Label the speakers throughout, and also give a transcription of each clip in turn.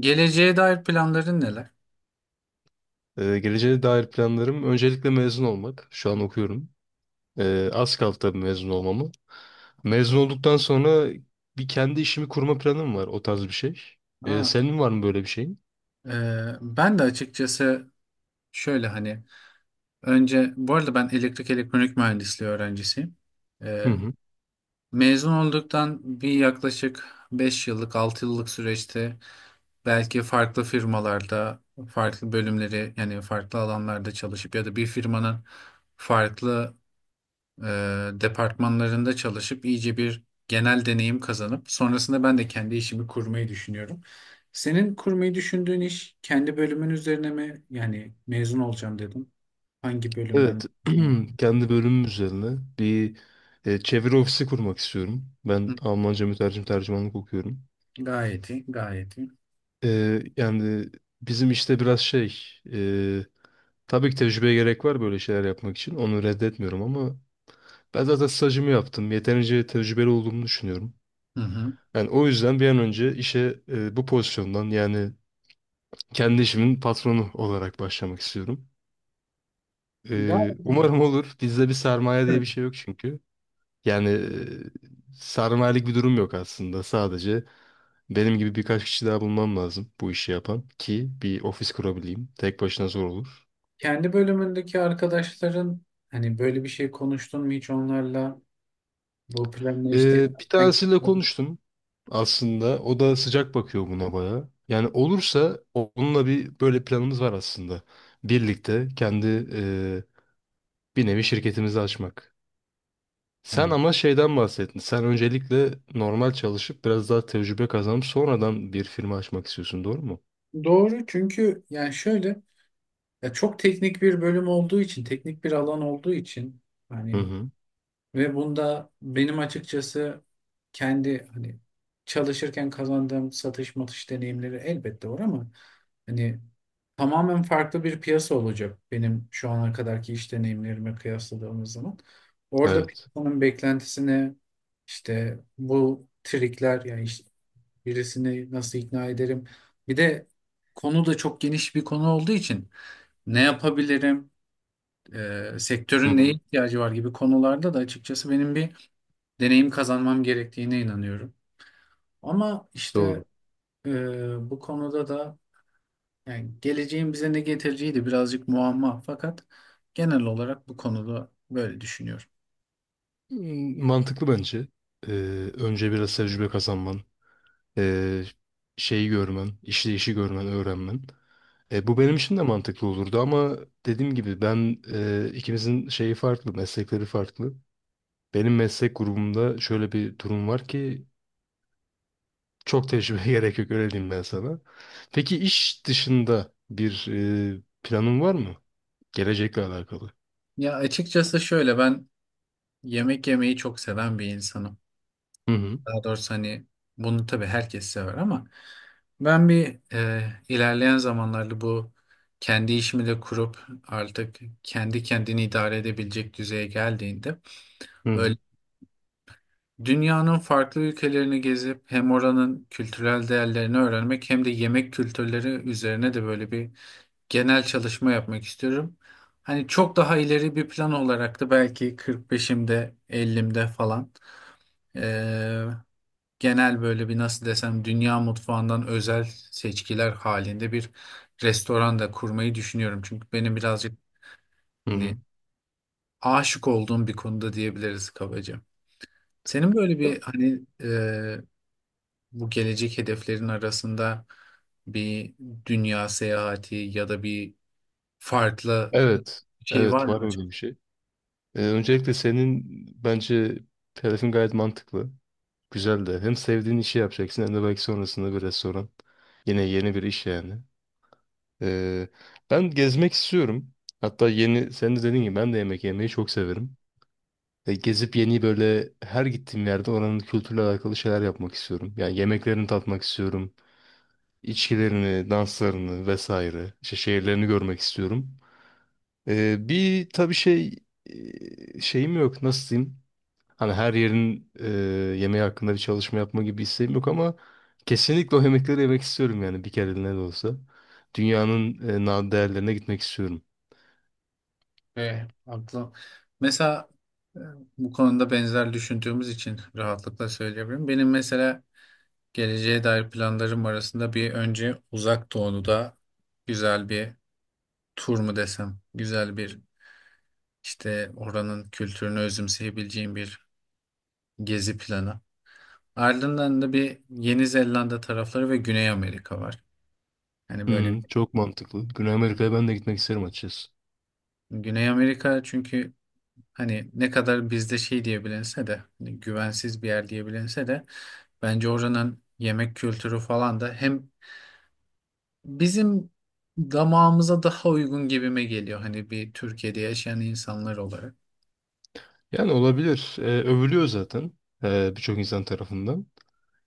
Speaker 1: Geleceğe dair planların neler?
Speaker 2: Geleceğe dair planlarım öncelikle mezun olmak. Şu an okuyorum. Az kaldı tabii mezun olmamı. Mezun olduktan sonra bir kendi işimi kurma planım var. O tarz bir şey.
Speaker 1: Ha,
Speaker 2: Senin var mı böyle bir şeyin?
Speaker 1: e, Ben de açıkçası şöyle hani, önce bu arada, ben elektrik elektronik mühendisliği öğrencisiyim.
Speaker 2: Hı
Speaker 1: E,
Speaker 2: hı.
Speaker 1: Mezun olduktan bir yaklaşık 5 yıllık 6 yıllık süreçte belki farklı firmalarda farklı bölümleri, yani farklı alanlarda çalışıp ya da bir firmanın farklı e, departmanlarında çalışıp iyice bir genel deneyim kazanıp sonrasında ben de kendi işimi kurmayı düşünüyorum. Senin kurmayı düşündüğün iş kendi bölümün üzerine mi? Yani mezun olacağım dedim. Hangi bölümden?
Speaker 2: Evet.
Speaker 1: Hı.
Speaker 2: Kendi bölümüm üzerine bir çeviri ofisi kurmak istiyorum. Ben Almanca mütercim tercümanlık okuyorum.
Speaker 1: Gayet iyi, gayet iyi.
Speaker 2: Yani bizim işte biraz e, tabii ki tecrübeye gerek var böyle şeyler yapmak için. Onu reddetmiyorum ama... Ben zaten stajımı yaptım. Yeterince tecrübeli olduğumu düşünüyorum.
Speaker 1: Hı hı.
Speaker 2: Yani o yüzden bir an önce işe bu pozisyondan yani kendi işimin patronu olarak başlamak istiyorum.
Speaker 1: Gayet iyi.
Speaker 2: Umarım olur. Bizde bir sermaye diye
Speaker 1: Evet.
Speaker 2: bir şey yok çünkü. Yani sermayelik bir durum yok aslında. Sadece benim gibi birkaç kişi daha bulmam lazım bu işi yapan ki bir ofis kurabileyim. Tek başına zor olur.
Speaker 1: Kendi bölümündeki arkadaşların hani böyle bir şey konuştun mu hiç onlarla? Bu planla işte.
Speaker 2: Bir tanesiyle konuştum aslında. O da sıcak bakıyor buna bayağı. Yani olursa onunla bir böyle planımız var aslında. Birlikte kendi e, bir nevi şirketimizi açmak. Sen
Speaker 1: Hı.
Speaker 2: ama şeyden bahsettin. Sen öncelikle normal çalışıp biraz daha tecrübe kazanıp sonradan bir firma açmak istiyorsun, doğru mu?
Speaker 1: Doğru, çünkü yani şöyle, ya çok teknik bir bölüm olduğu için, teknik bir alan olduğu için,
Speaker 2: Hı
Speaker 1: hani
Speaker 2: hı.
Speaker 1: ve bunda benim açıkçası kendi hani çalışırken kazandığım satış matış deneyimleri elbette var, ama hani tamamen farklı bir piyasa olacak benim şu ana kadarki iş deneyimlerime kıyasladığımız zaman. Orada
Speaker 2: Evet.
Speaker 1: piyasanın beklentisine, işte bu trikler yani birisini nasıl ikna ederim? Bir de konu da çok geniş bir konu olduğu için ne yapabilirim?
Speaker 2: Hı
Speaker 1: Sektörün neye
Speaker 2: hı.
Speaker 1: ihtiyacı var gibi konularda da açıkçası benim bir deneyim kazanmam gerektiğine inanıyorum. Ama işte
Speaker 2: Doğru.
Speaker 1: bu konuda da yani geleceğin bize ne getireceği de birazcık muamma. Fakat genel olarak bu konuda böyle düşünüyorum.
Speaker 2: Hmm, mantıklı bence. Ee, Önce biraz tecrübe kazanman. e, Şeyi görmen, işleyişi görmen, öğrenmen. E, bu benim için de mantıklı olurdu ama dediğim gibi ben ikimizin şeyi farklı, meslekleri farklı. Benim meslek grubumda şöyle bir durum var ki çok tecrübe gerek yok öyle diyeyim ben sana. Peki iş dışında bir planın var mı? Gelecekle alakalı.
Speaker 1: Ya açıkçası şöyle, ben yemek yemeyi çok seven bir insanım.
Speaker 2: Hı hı,
Speaker 1: Daha doğrusu hani bunu tabii herkes sever, ama ben ilerleyen zamanlarda bu kendi işimi de kurup artık kendi kendini idare edebilecek düzeye geldiğinde
Speaker 2: hı
Speaker 1: böyle
Speaker 2: hı,
Speaker 1: dünyanın farklı ülkelerini gezip hem oranın kültürel değerlerini öğrenmek hem de yemek kültürleri üzerine de böyle bir genel çalışma yapmak istiyorum. Hani çok daha ileri bir plan olarak da belki 45'imde 50'imde falan genel böyle bir, nasıl desem, dünya mutfağından özel seçkiler halinde bir restoran da kurmayı düşünüyorum. Çünkü benim birazcık
Speaker 2: hı
Speaker 1: hani
Speaker 2: hı.
Speaker 1: aşık olduğum bir konuda diyebiliriz kabaca. Senin böyle bir hani, bu gelecek hedeflerin arasında bir dünya seyahati ya da bir farklı
Speaker 2: Evet,
Speaker 1: şey var
Speaker 2: evet
Speaker 1: mı
Speaker 2: var öyle
Speaker 1: acaba?
Speaker 2: bir şey. Öncelikle senin bence hedefin gayet mantıklı. Güzel de hem sevdiğin işi yapacaksın hem de belki sonrasında bir restoran. Yine yeni bir iş yani. Ee, Ben gezmek istiyorum. Hatta yeni, sen de dediğin gibi ben de yemek yemeyi çok severim. E, gezip yeni böyle her gittiğim yerde oranın kültürle alakalı şeyler yapmak istiyorum. Yani yemeklerini tatmak istiyorum. İçkilerini, danslarını vesaire. İşte şehirlerini görmek istiyorum. Bir tabii şeyim yok, nasıl diyeyim? Hani her yerin yemeği hakkında bir çalışma yapma gibi isteğim yok ama kesinlikle o yemekleri yemek istiyorum yani bir kereliğine de olsa. Dünyanın nadir değerlerine gitmek istiyorum.
Speaker 1: Ve aklım mesela e, bu konuda benzer düşündüğümüz için rahatlıkla söyleyebilirim. Benim mesela geleceğe dair planlarım arasında bir önce Uzak Doğu'da güzel bir tur mu desem, güzel bir işte oranın kültürünü özümseyebileceğim bir gezi planı. Ardından da bir Yeni Zelanda tarafları ve Güney Amerika var. Hani böyle
Speaker 2: Hmm,
Speaker 1: bir.
Speaker 2: çok mantıklı. Güney Amerika'ya ben de gitmek isterim açıkçası.
Speaker 1: Güney Amerika çünkü hani ne kadar bizde şey diyebilinse de, hani güvensiz bir yer diyebilinse de, bence oranın yemek kültürü falan da hem bizim damağımıza daha uygun gibime geliyor, hani bir Türkiye'de yaşayan insanlar olarak.
Speaker 2: Yani olabilir. E, övülüyor zaten birçok insan tarafından.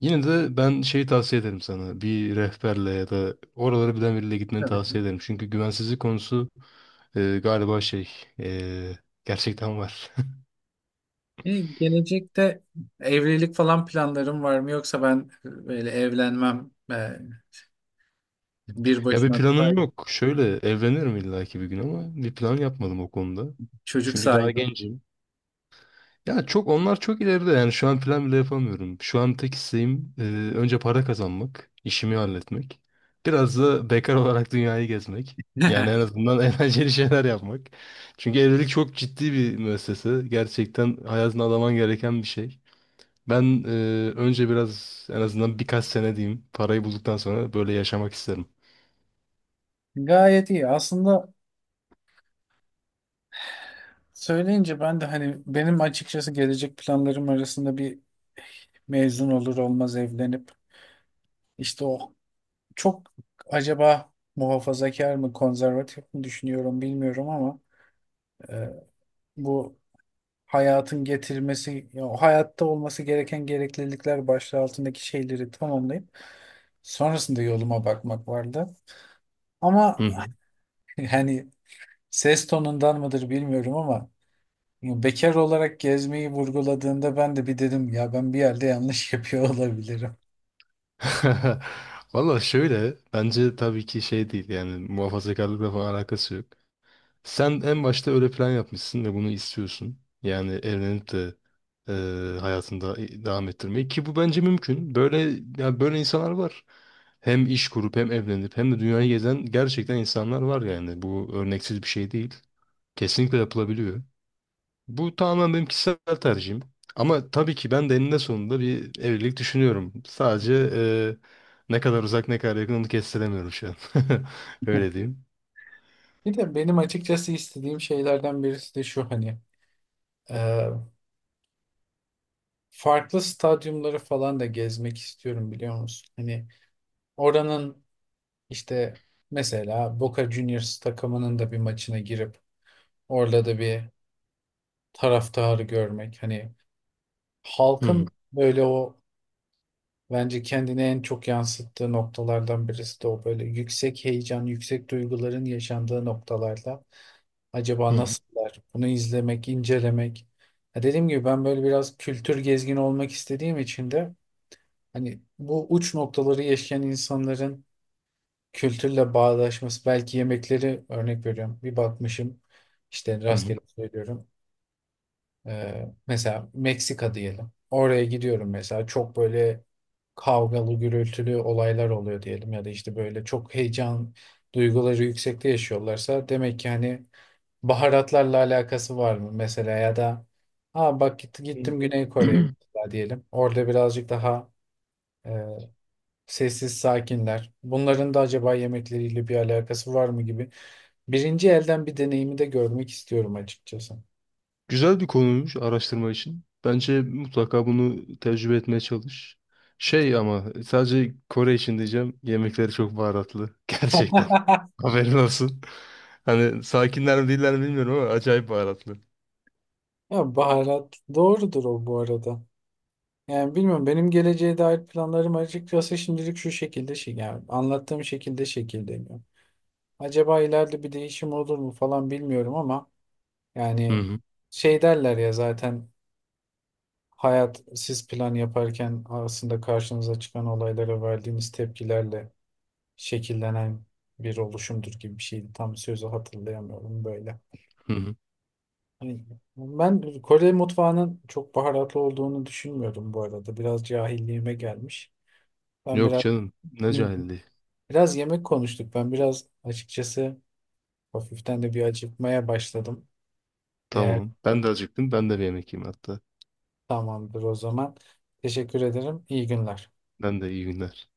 Speaker 2: Yine de ben şeyi tavsiye ederim sana. Bir rehberle ya da oraları bilen biriyle gitmeni
Speaker 1: Tabii ki.
Speaker 2: tavsiye ederim. Çünkü güvensizlik konusu galiba e, gerçekten var.
Speaker 1: E, gelecekte evlilik falan planlarım var mı yoksa ben böyle evlenmem bir
Speaker 2: Ya bir
Speaker 1: başıma daha
Speaker 2: planım yok. Şöyle evlenirim illaki bir gün ama bir plan yapmadım o konuda.
Speaker 1: çocuk
Speaker 2: Çünkü daha
Speaker 1: sahibi.
Speaker 2: gencim. Ya çok onlar çok ileride yani şu an plan bile yapamıyorum. Şu an tek isteğim önce para kazanmak, işimi halletmek. Biraz da bekar olarak dünyayı gezmek. Yani en azından eğlenceli şeyler yapmak. Çünkü evlilik çok ciddi bir müessese. Gerçekten hayatını adaman gereken bir şey. Ben önce biraz en azından birkaç sene diyeyim parayı bulduktan sonra böyle yaşamak isterim.
Speaker 1: Gayet iyi. Aslında söyleyince ben de hani, benim açıkçası gelecek planlarım arasında bir mezun olur olmaz evlenip işte o çok, acaba muhafazakar mı konservatif mi düşünüyorum bilmiyorum, ama E, bu hayatın getirmesi, ya o hayatta olması gereken gereklilikler başlığı altındaki şeyleri tamamlayıp sonrasında yoluma bakmak vardı. Ama
Speaker 2: Hı hı.
Speaker 1: hani ses tonundan mıdır bilmiyorum, ama bekar olarak gezmeyi vurguladığında ben de bir dedim, ya ben bir yerde yanlış yapıyor olabilirim.
Speaker 2: Valla şöyle bence tabii ki şey değil yani muhafazakarlıkla falan alakası yok. Sen en başta öyle plan yapmışsın ve bunu istiyorsun. Yani evlenip de hayatında devam ettirmeyi ki bu bence mümkün. Böyle ya böyle insanlar var. Hem iş kurup hem evlenip hem de dünyayı gezen gerçekten insanlar var yani. Bu örneksiz bir şey değil. Kesinlikle yapılabiliyor. Bu tamamen benim kişisel tercihim. Ama tabii ki ben de eninde sonunda bir evlilik düşünüyorum. Sadece ne kadar uzak ne kadar yakın onu kestiremiyorum şu an. Öyle diyeyim.
Speaker 1: Bir de benim açıkçası istediğim şeylerden birisi de şu, hani e, farklı stadyumları falan da gezmek istiyorum, biliyor musun? Hani oranın, İşte mesela Boca Juniors takımının da bir maçına girip orada da bir taraftarı görmek. Hani
Speaker 2: Hı
Speaker 1: halkın
Speaker 2: hı,
Speaker 1: böyle, o bence kendini en çok yansıttığı noktalardan birisi de o, böyle yüksek heyecan, yüksek duyguların yaşandığı noktalarda
Speaker 2: hı
Speaker 1: acaba
Speaker 2: hı,
Speaker 1: nasıllar? Bunu izlemek, incelemek. Ya dediğim gibi ben böyle biraz kültür gezgini olmak istediğim için de hani bu uç noktaları yaşayan insanların kültürle bağdaşması, belki yemekleri, örnek veriyorum. Bir bakmışım, işte
Speaker 2: hı hı.
Speaker 1: rastgele söylüyorum. Mesela Meksika diyelim. Oraya gidiyorum mesela, çok böyle kavgalı gürültülü olaylar oluyor diyelim ya da işte böyle çok heyecan, duyguları yüksekte yaşıyorlarsa demek ki hani baharatlarla alakası var mı mesela, ya da ha bak gittim Güney Kore'ye
Speaker 2: Hmm.
Speaker 1: mesela diyelim. Orada birazcık daha e, sessiz sakinler. Bunların da acaba yemekleriyle bir alakası var mı gibi. Birinci elden bir deneyimi de görmek istiyorum açıkçası.
Speaker 2: Güzel bir konuymuş araştırma için. Bence mutlaka bunu tecrübe etmeye çalış. Şey ama sadece Kore için diyeceğim. Yemekleri çok baharatlı. Gerçekten. Haberin olsun. Hani sakinler mi değiller mi bilmiyorum ama acayip baharatlı.
Speaker 1: Ya baharat doğrudur o bu arada. Yani bilmiyorum, benim geleceğe dair planlarım açıkçası şimdilik şu şekilde, şey yani anlattığım şekilde şekilleniyor. Acaba ileride bir değişim olur mu falan bilmiyorum, ama
Speaker 2: Hı
Speaker 1: yani
Speaker 2: hı.
Speaker 1: şey derler ya zaten, hayat siz plan yaparken aslında karşınıza çıkan olaylara verdiğiniz tepkilerle şekillenen bir oluşumdur gibi bir şeydi. Tam sözü hatırlayamıyorum böyle.
Speaker 2: Hı hı.
Speaker 1: Hani, ben Kore mutfağının çok baharatlı olduğunu düşünmüyordum bu arada. Biraz cahilliğime gelmiş. Ben
Speaker 2: Yok
Speaker 1: biraz
Speaker 2: canım. Ne cahilliği.
Speaker 1: biraz yemek konuştuk. Ben biraz açıkçası hafiften de bir acıkmaya başladım. Eğer,
Speaker 2: Tamam. Ben de acıktım. Ben de bir yemek yiyeyim hatta.
Speaker 1: tamamdır o zaman. Teşekkür ederim. İyi günler.
Speaker 2: Ben de iyi günler.